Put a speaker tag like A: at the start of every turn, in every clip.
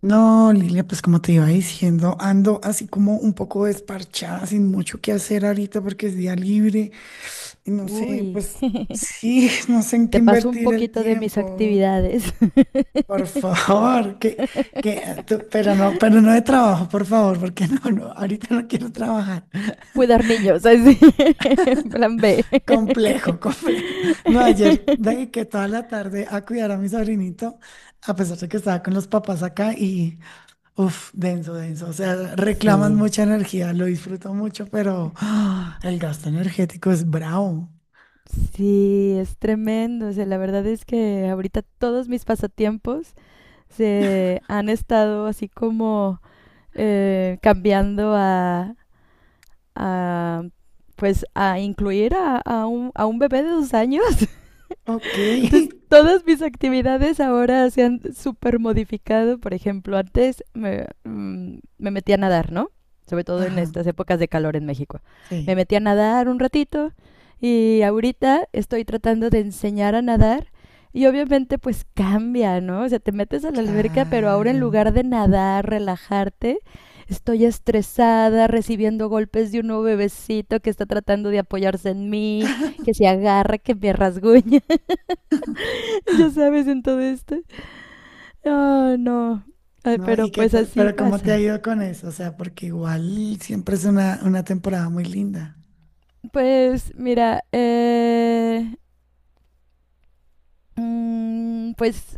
A: No, Lilia, pues como te iba diciendo, ando así como un poco desparchada, sin mucho que hacer ahorita porque es día libre y no sé,
B: Uy,
A: pues sí, no sé en qué
B: te paso un
A: invertir el
B: poquito de mis
A: tiempo.
B: actividades.
A: Por favor, pero no de trabajo, por favor, porque no, no, ahorita no quiero trabajar.
B: Cuidar niños, así. Plan B.
A: Complejo, complejo. No, ayer dediqué toda la tarde a cuidar a mi sobrinito, a pesar de que estaba con los papás acá y uf, denso, denso. O sea, reclaman
B: Sí,
A: mucha energía, lo disfruto mucho, pero el gasto energético es bravo.
B: sí, es tremendo. O sea, la verdad es que ahorita todos mis pasatiempos se han estado así como cambiando a, pues a incluir a un bebé de 2 años.
A: Ok.
B: Entonces, todas mis actividades ahora se han súper modificado. Por ejemplo, antes me metía a nadar, ¿no? Sobre todo en
A: Ajá,
B: estas épocas de calor en México. Me
A: sí,
B: metí a nadar un ratito y ahorita estoy tratando de enseñar a nadar y obviamente pues cambia, ¿no? O sea, te metes a la alberca, pero ahora en
A: claro.
B: lugar de nadar, relajarte, estoy estresada, recibiendo golpes de un nuevo bebecito que está tratando de apoyarse en mí, que se agarra, que me rasguña. Ya sabes, en todo esto. Ah, no. Ay,
A: No,
B: pero pues así
A: pero ¿cómo te ha
B: pasa.
A: ido con eso? O sea, porque igual siempre es una temporada muy linda.
B: Pues mira, pues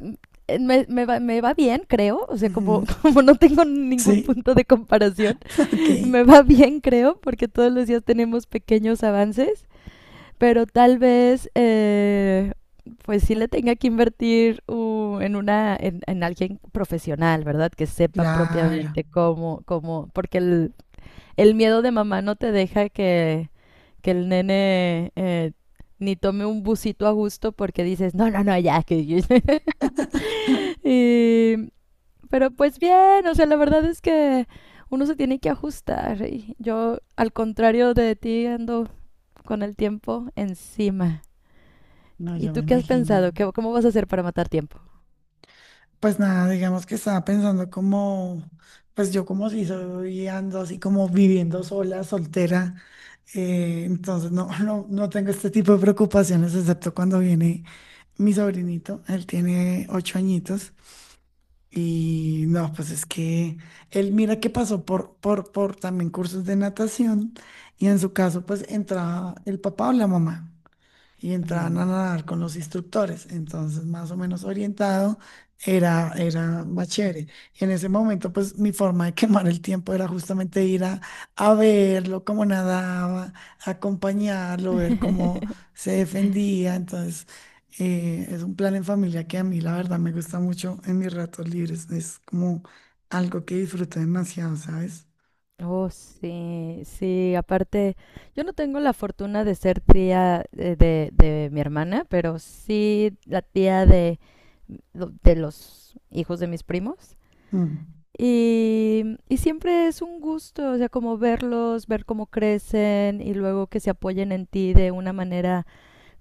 B: me va bien, creo. O sea, como,
A: Ujú.
B: como no tengo ningún
A: Sí,
B: punto de comparación,
A: ok.
B: me va bien, creo, porque todos los días tenemos pequeños avances, pero tal vez, pues sí le tenga que invertir en alguien profesional, ¿verdad? Que sepa
A: Claro.
B: propiamente cómo, porque el miedo de mamá no te deja que el nene ni tome un busito a gusto porque dices, no, no, no, ya. Y, pero pues bien, o sea, la verdad es que uno se tiene que ajustar. Y yo, al contrario de ti, ando con el tiempo encima.
A: No,
B: ¿Y
A: yo me
B: tú qué has
A: imagino.
B: pensado? ¿Cómo vas a hacer para matar tiempo?
A: Pues nada, digamos que estaba pensando como, pues yo como si soy ando así como viviendo sola, soltera. Entonces no, no, no tengo este tipo de preocupaciones, excepto cuando viene mi sobrinito. Él tiene 8 añitos. Y no, pues es que él mira que pasó por también cursos de natación. Y en su caso, pues entraba el papá o la mamá y entraban
B: Mm.
A: a nadar con los instructores, entonces más o menos orientado era más chévere. Y en ese momento, pues mi forma de quemar el tiempo era justamente ir a verlo, cómo nadaba, acompañarlo, ver cómo se defendía. Entonces, es un plan en familia que a mí, la verdad, me gusta mucho en mis ratos libres. Es como algo que disfruto demasiado, ¿sabes?
B: Oh, sí, sí, aparte, yo no tengo la fortuna de ser tía de mi hermana, pero sí la tía de los hijos de mis primos.
A: Mm.
B: Y siempre es un gusto, o sea, como verlos, ver cómo crecen y luego que se apoyen en ti de una manera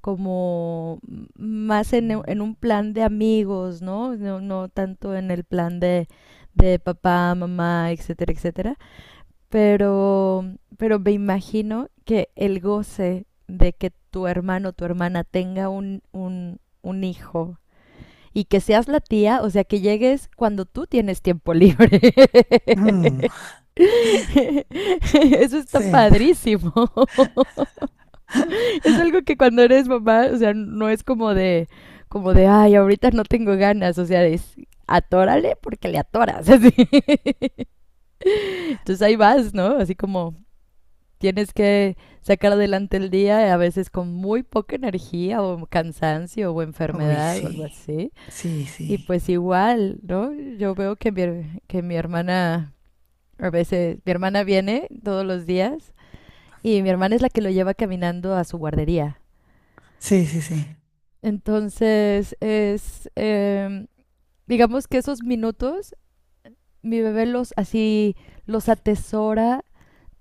B: como más en un plan de amigos, ¿no? No, no tanto en el plan de papá, mamá, etcétera, etcétera. Pero, pero me imagino que el goce de que tu hermano o tu hermana tenga un hijo y que seas la tía, o sea, que llegues cuando tú tienes tiempo libre.
A: Mm,
B: Eso está
A: sí,
B: padrísimo. Es algo que cuando eres mamá, o sea, no es como de, ay, ahorita no tengo ganas, o sea, es atórale porque le atoras. así. Entonces ahí vas, ¿no? Así como tienes que sacar adelante el día, a veces con muy poca energía o cansancio o
A: uy,
B: enfermedad o algo
A: sí,
B: así.
A: sí,
B: Y
A: sí,
B: pues igual, ¿no? Yo veo que que mi hermana, a veces, mi hermana viene todos los días y mi hermana es la que lo lleva caminando a su guardería.
A: sí, sí, sí.
B: Entonces, digamos que esos minutos, mi bebé los así, los atesora.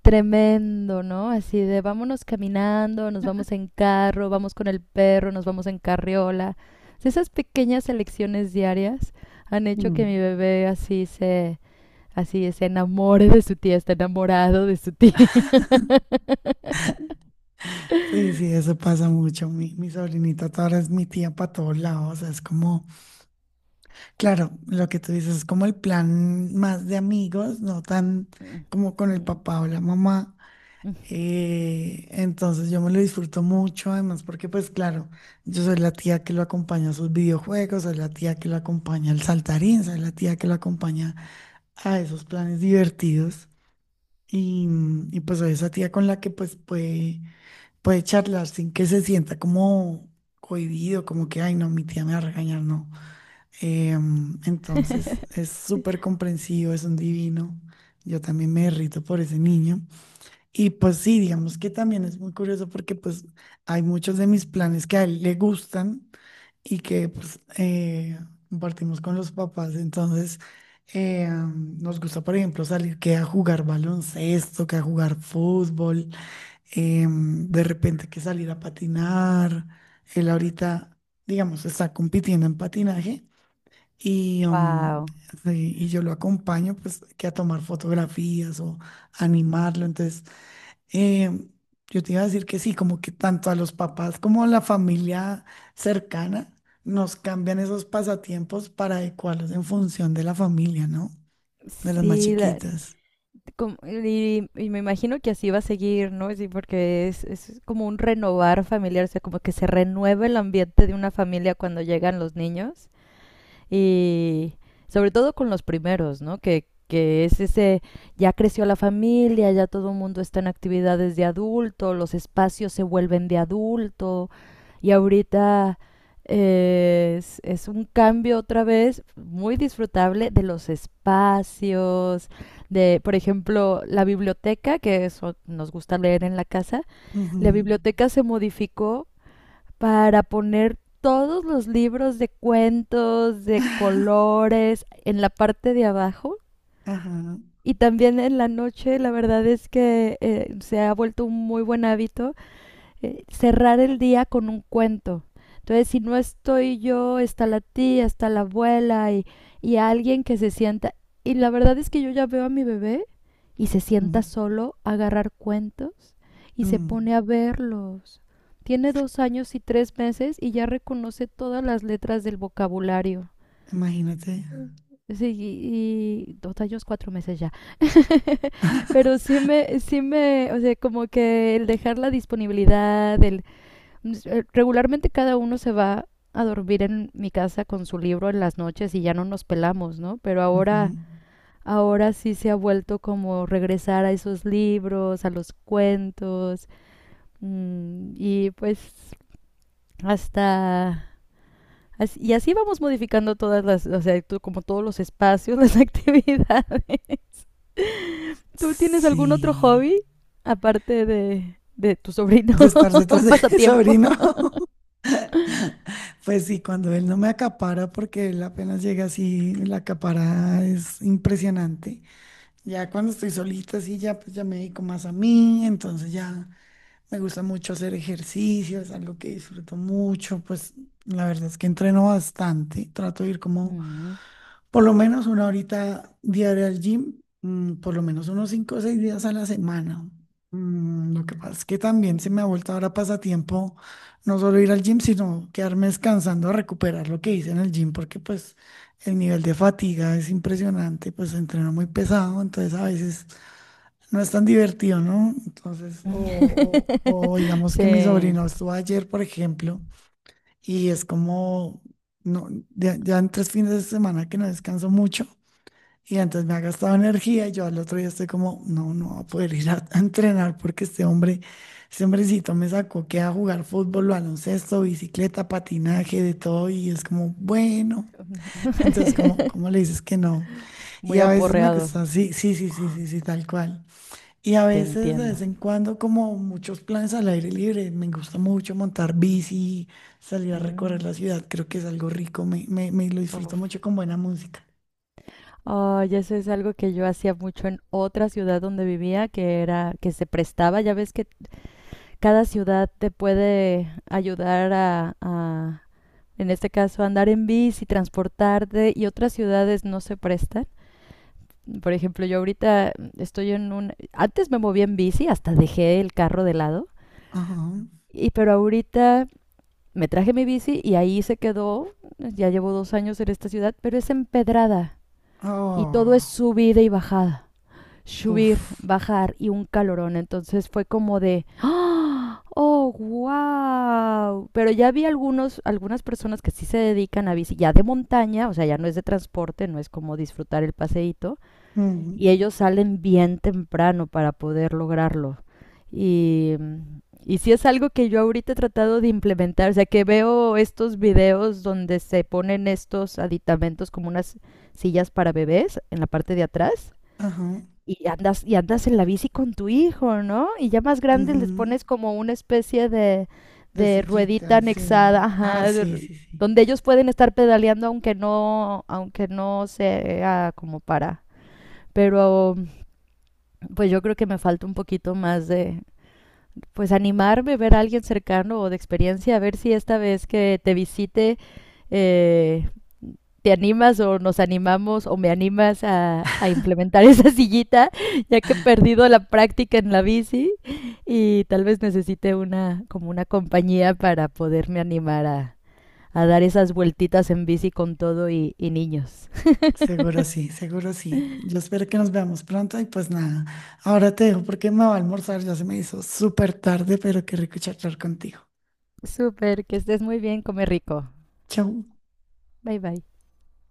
B: Tremendo, ¿no? Así de vámonos caminando, nos vamos en carro, vamos con el perro, nos vamos en carriola. O sea, esas pequeñas elecciones diarias han hecho que
A: Mm.
B: mi bebé así se enamore de su tía, está enamorado de su tía.
A: Sí, sí, eso pasa mucho. Mi sobrinita toda ahora es mi tía para todos lados. O sea, es como, claro, lo que tú dices es como el plan más de amigos, no tan como con el papá o la mamá. Entonces yo me lo disfruto mucho, además, porque pues claro, yo soy la tía que lo acompaña a sus videojuegos, soy la tía que lo acompaña al saltarín, soy la tía que lo acompaña a esos planes divertidos. Y, y pues soy esa tía con la que pues puede charlar sin que se sienta como cohibido, como que, ay, no, mi tía me va a regañar, no. Entonces es súper comprensivo, es un divino. Yo también me derrito por ese niño. Y pues sí, digamos que también es muy curioso porque pues hay muchos de mis planes que a él le gustan y que pues compartimos con los papás. Entonces nos gusta, por ejemplo, salir que a jugar baloncesto, que a jugar fútbol de repente que salir a patinar. Él ahorita, digamos, está compitiendo en patinaje y,
B: Wow.
A: sí, y yo lo acompaño pues que a tomar fotografías o animarlo. Entonces, em, yo te iba a decir que sí, como que tanto a los papás como a la familia cercana nos cambian esos pasatiempos para adecuarlos en función de la familia, ¿no? De las más
B: Sí,
A: chiquitas.
B: y me imagino que así va a seguir, ¿no? Sí, porque es como un renovar familiar, o sea, como que se renueva el ambiente de una familia cuando llegan los niños. Y sobre todo con los primeros, ¿no? Que es ese, ya creció la familia, ya todo el mundo está en actividades de adulto, los espacios se vuelven de adulto y ahorita es un cambio otra vez muy disfrutable de los espacios, de, por ejemplo, la biblioteca, que eso nos gusta leer en la casa, la
A: Ujú.
B: biblioteca se modificó para poner todos los libros de cuentos, de colores, en la parte de abajo.
A: Ajá.
B: Y también en la noche, la verdad es que se ha vuelto un muy buen hábito cerrar el día con un cuento. Entonces, si no estoy yo, está la tía, está la abuela y alguien que se sienta. Y la verdad es que yo ya veo a mi bebé y se sienta
A: Ujú.
B: solo a agarrar cuentos y se
A: Mm.
B: pone a verlos. Tiene 2 años y 3 meses y ya reconoce todas las letras del vocabulario.
A: Imagínate.
B: Sí, y 2 años, 4 meses ya. Pero sí me, o sea, como que el dejar la disponibilidad, pues, regularmente cada uno se va a dormir en mi casa con su libro en las noches y ya no nos pelamos, ¿no? Pero
A: Ujú.
B: ahora, ahora sí se ha vuelto como regresar a esos libros, a los cuentos y pues hasta Y así vamos modificando todas las, o sea, como todos los espacios, las actividades. ¿Tú tienes algún otro
A: Sí.
B: hobby aparte de tu sobrino?
A: De estar detrás
B: Un
A: de mi
B: pasatiempo.
A: sobrino. Pues sí, cuando él no me acapara, porque él apenas llega así, la acapara es impresionante. Ya cuando estoy solita, así ya, pues ya me dedico más a mí, entonces ya me gusta mucho hacer ejercicio, es algo que disfruto mucho, pues la verdad es que entreno bastante, trato de ir como
B: Mm.
A: por lo menos una horita diaria al gym, por lo menos unos 5 o 6 días a la semana. Lo que pasa es que también se me ha vuelto ahora pasatiempo no solo ir al gym, sino quedarme descansando a recuperar lo que hice en el gym, porque pues el nivel de fatiga es impresionante, pues entreno muy pesado, entonces a veces no es tan divertido, ¿no? Entonces, o digamos que mi
B: Sí.
A: sobrino estuvo ayer, por ejemplo, y es como... No, ya, ya en 3 fines de semana que no descanso mucho y entonces me ha gastado energía y yo al otro día estoy como, no, no voy a poder ir a entrenar porque este hombre, este hombrecito me sacó que a jugar fútbol, baloncesto, bicicleta, patinaje, de todo y es como, bueno, entonces como, ¿cómo le dices que no? Y
B: Muy
A: a veces me
B: aporreado,
A: cuesta, sí, sí, sí, sí, sí, sí, tal cual. Y a
B: te
A: veces de
B: entiendo.
A: vez en cuando como muchos planes al aire libre, me gusta mucho montar bici, salir a recorrer
B: Mm,
A: la ciudad, creo que es algo rico, me lo disfruto
B: uf.
A: mucho con buena música.
B: Ay, eso es algo que yo hacía mucho en otra ciudad donde vivía, que era que se prestaba. Ya ves que cada ciudad te puede ayudar a, en este caso, andar en bici, transportarte, y otras ciudades no se prestan. Por ejemplo, yo ahorita estoy en un... Antes me movía en bici, hasta dejé el carro de lado,
A: Ajá.
B: y pero ahorita me traje mi bici y ahí se quedó. Ya llevo 2 años en esta ciudad, pero es empedrada y todo es
A: Oh,
B: subida y bajada. Subir,
A: uff.
B: bajar y un calorón. Entonces fue como de. ¡Ah! ¡Oh, wow! Pero ya vi algunos, algunas personas que sí se dedican a bici ya de montaña, o sea, ya no es de transporte, no es como disfrutar el paseíto,
A: Mm,
B: y ellos salen bien temprano para poder lograrlo. Y, y sí es algo que yo ahorita he tratado de implementar, o sea que veo estos videos donde se ponen estos aditamentos como unas sillas para bebés en la parte de atrás
A: ajá.
B: y andas en la bici con tu hijo, ¿no? Y ya más grandes les
A: Ujú.
B: pones como una especie
A: De
B: de ruedita
A: sillita, sí.
B: anexada,
A: Ah,
B: ajá,
A: sí, sí, sí.
B: donde ellos pueden estar pedaleando aunque no sea como para. Pero pues yo creo que me falta un poquito más de, pues animarme, ver a alguien cercano o de experiencia, a ver si esta vez que te visite eh, te animas o nos animamos o me animas a implementar esa sillita, ya que he perdido la práctica en la bici y tal vez necesite como una compañía para poderme animar a dar esas vueltitas en bici con todo y niños.
A: Seguro sí, seguro sí. Yo espero que nos veamos pronto y pues nada. Ahora te dejo porque me va a almorzar. Ya se me hizo súper tarde, pero qué rico charlar contigo.
B: Súper, que estés muy bien, come rico.
A: Chau.
B: Bye bye.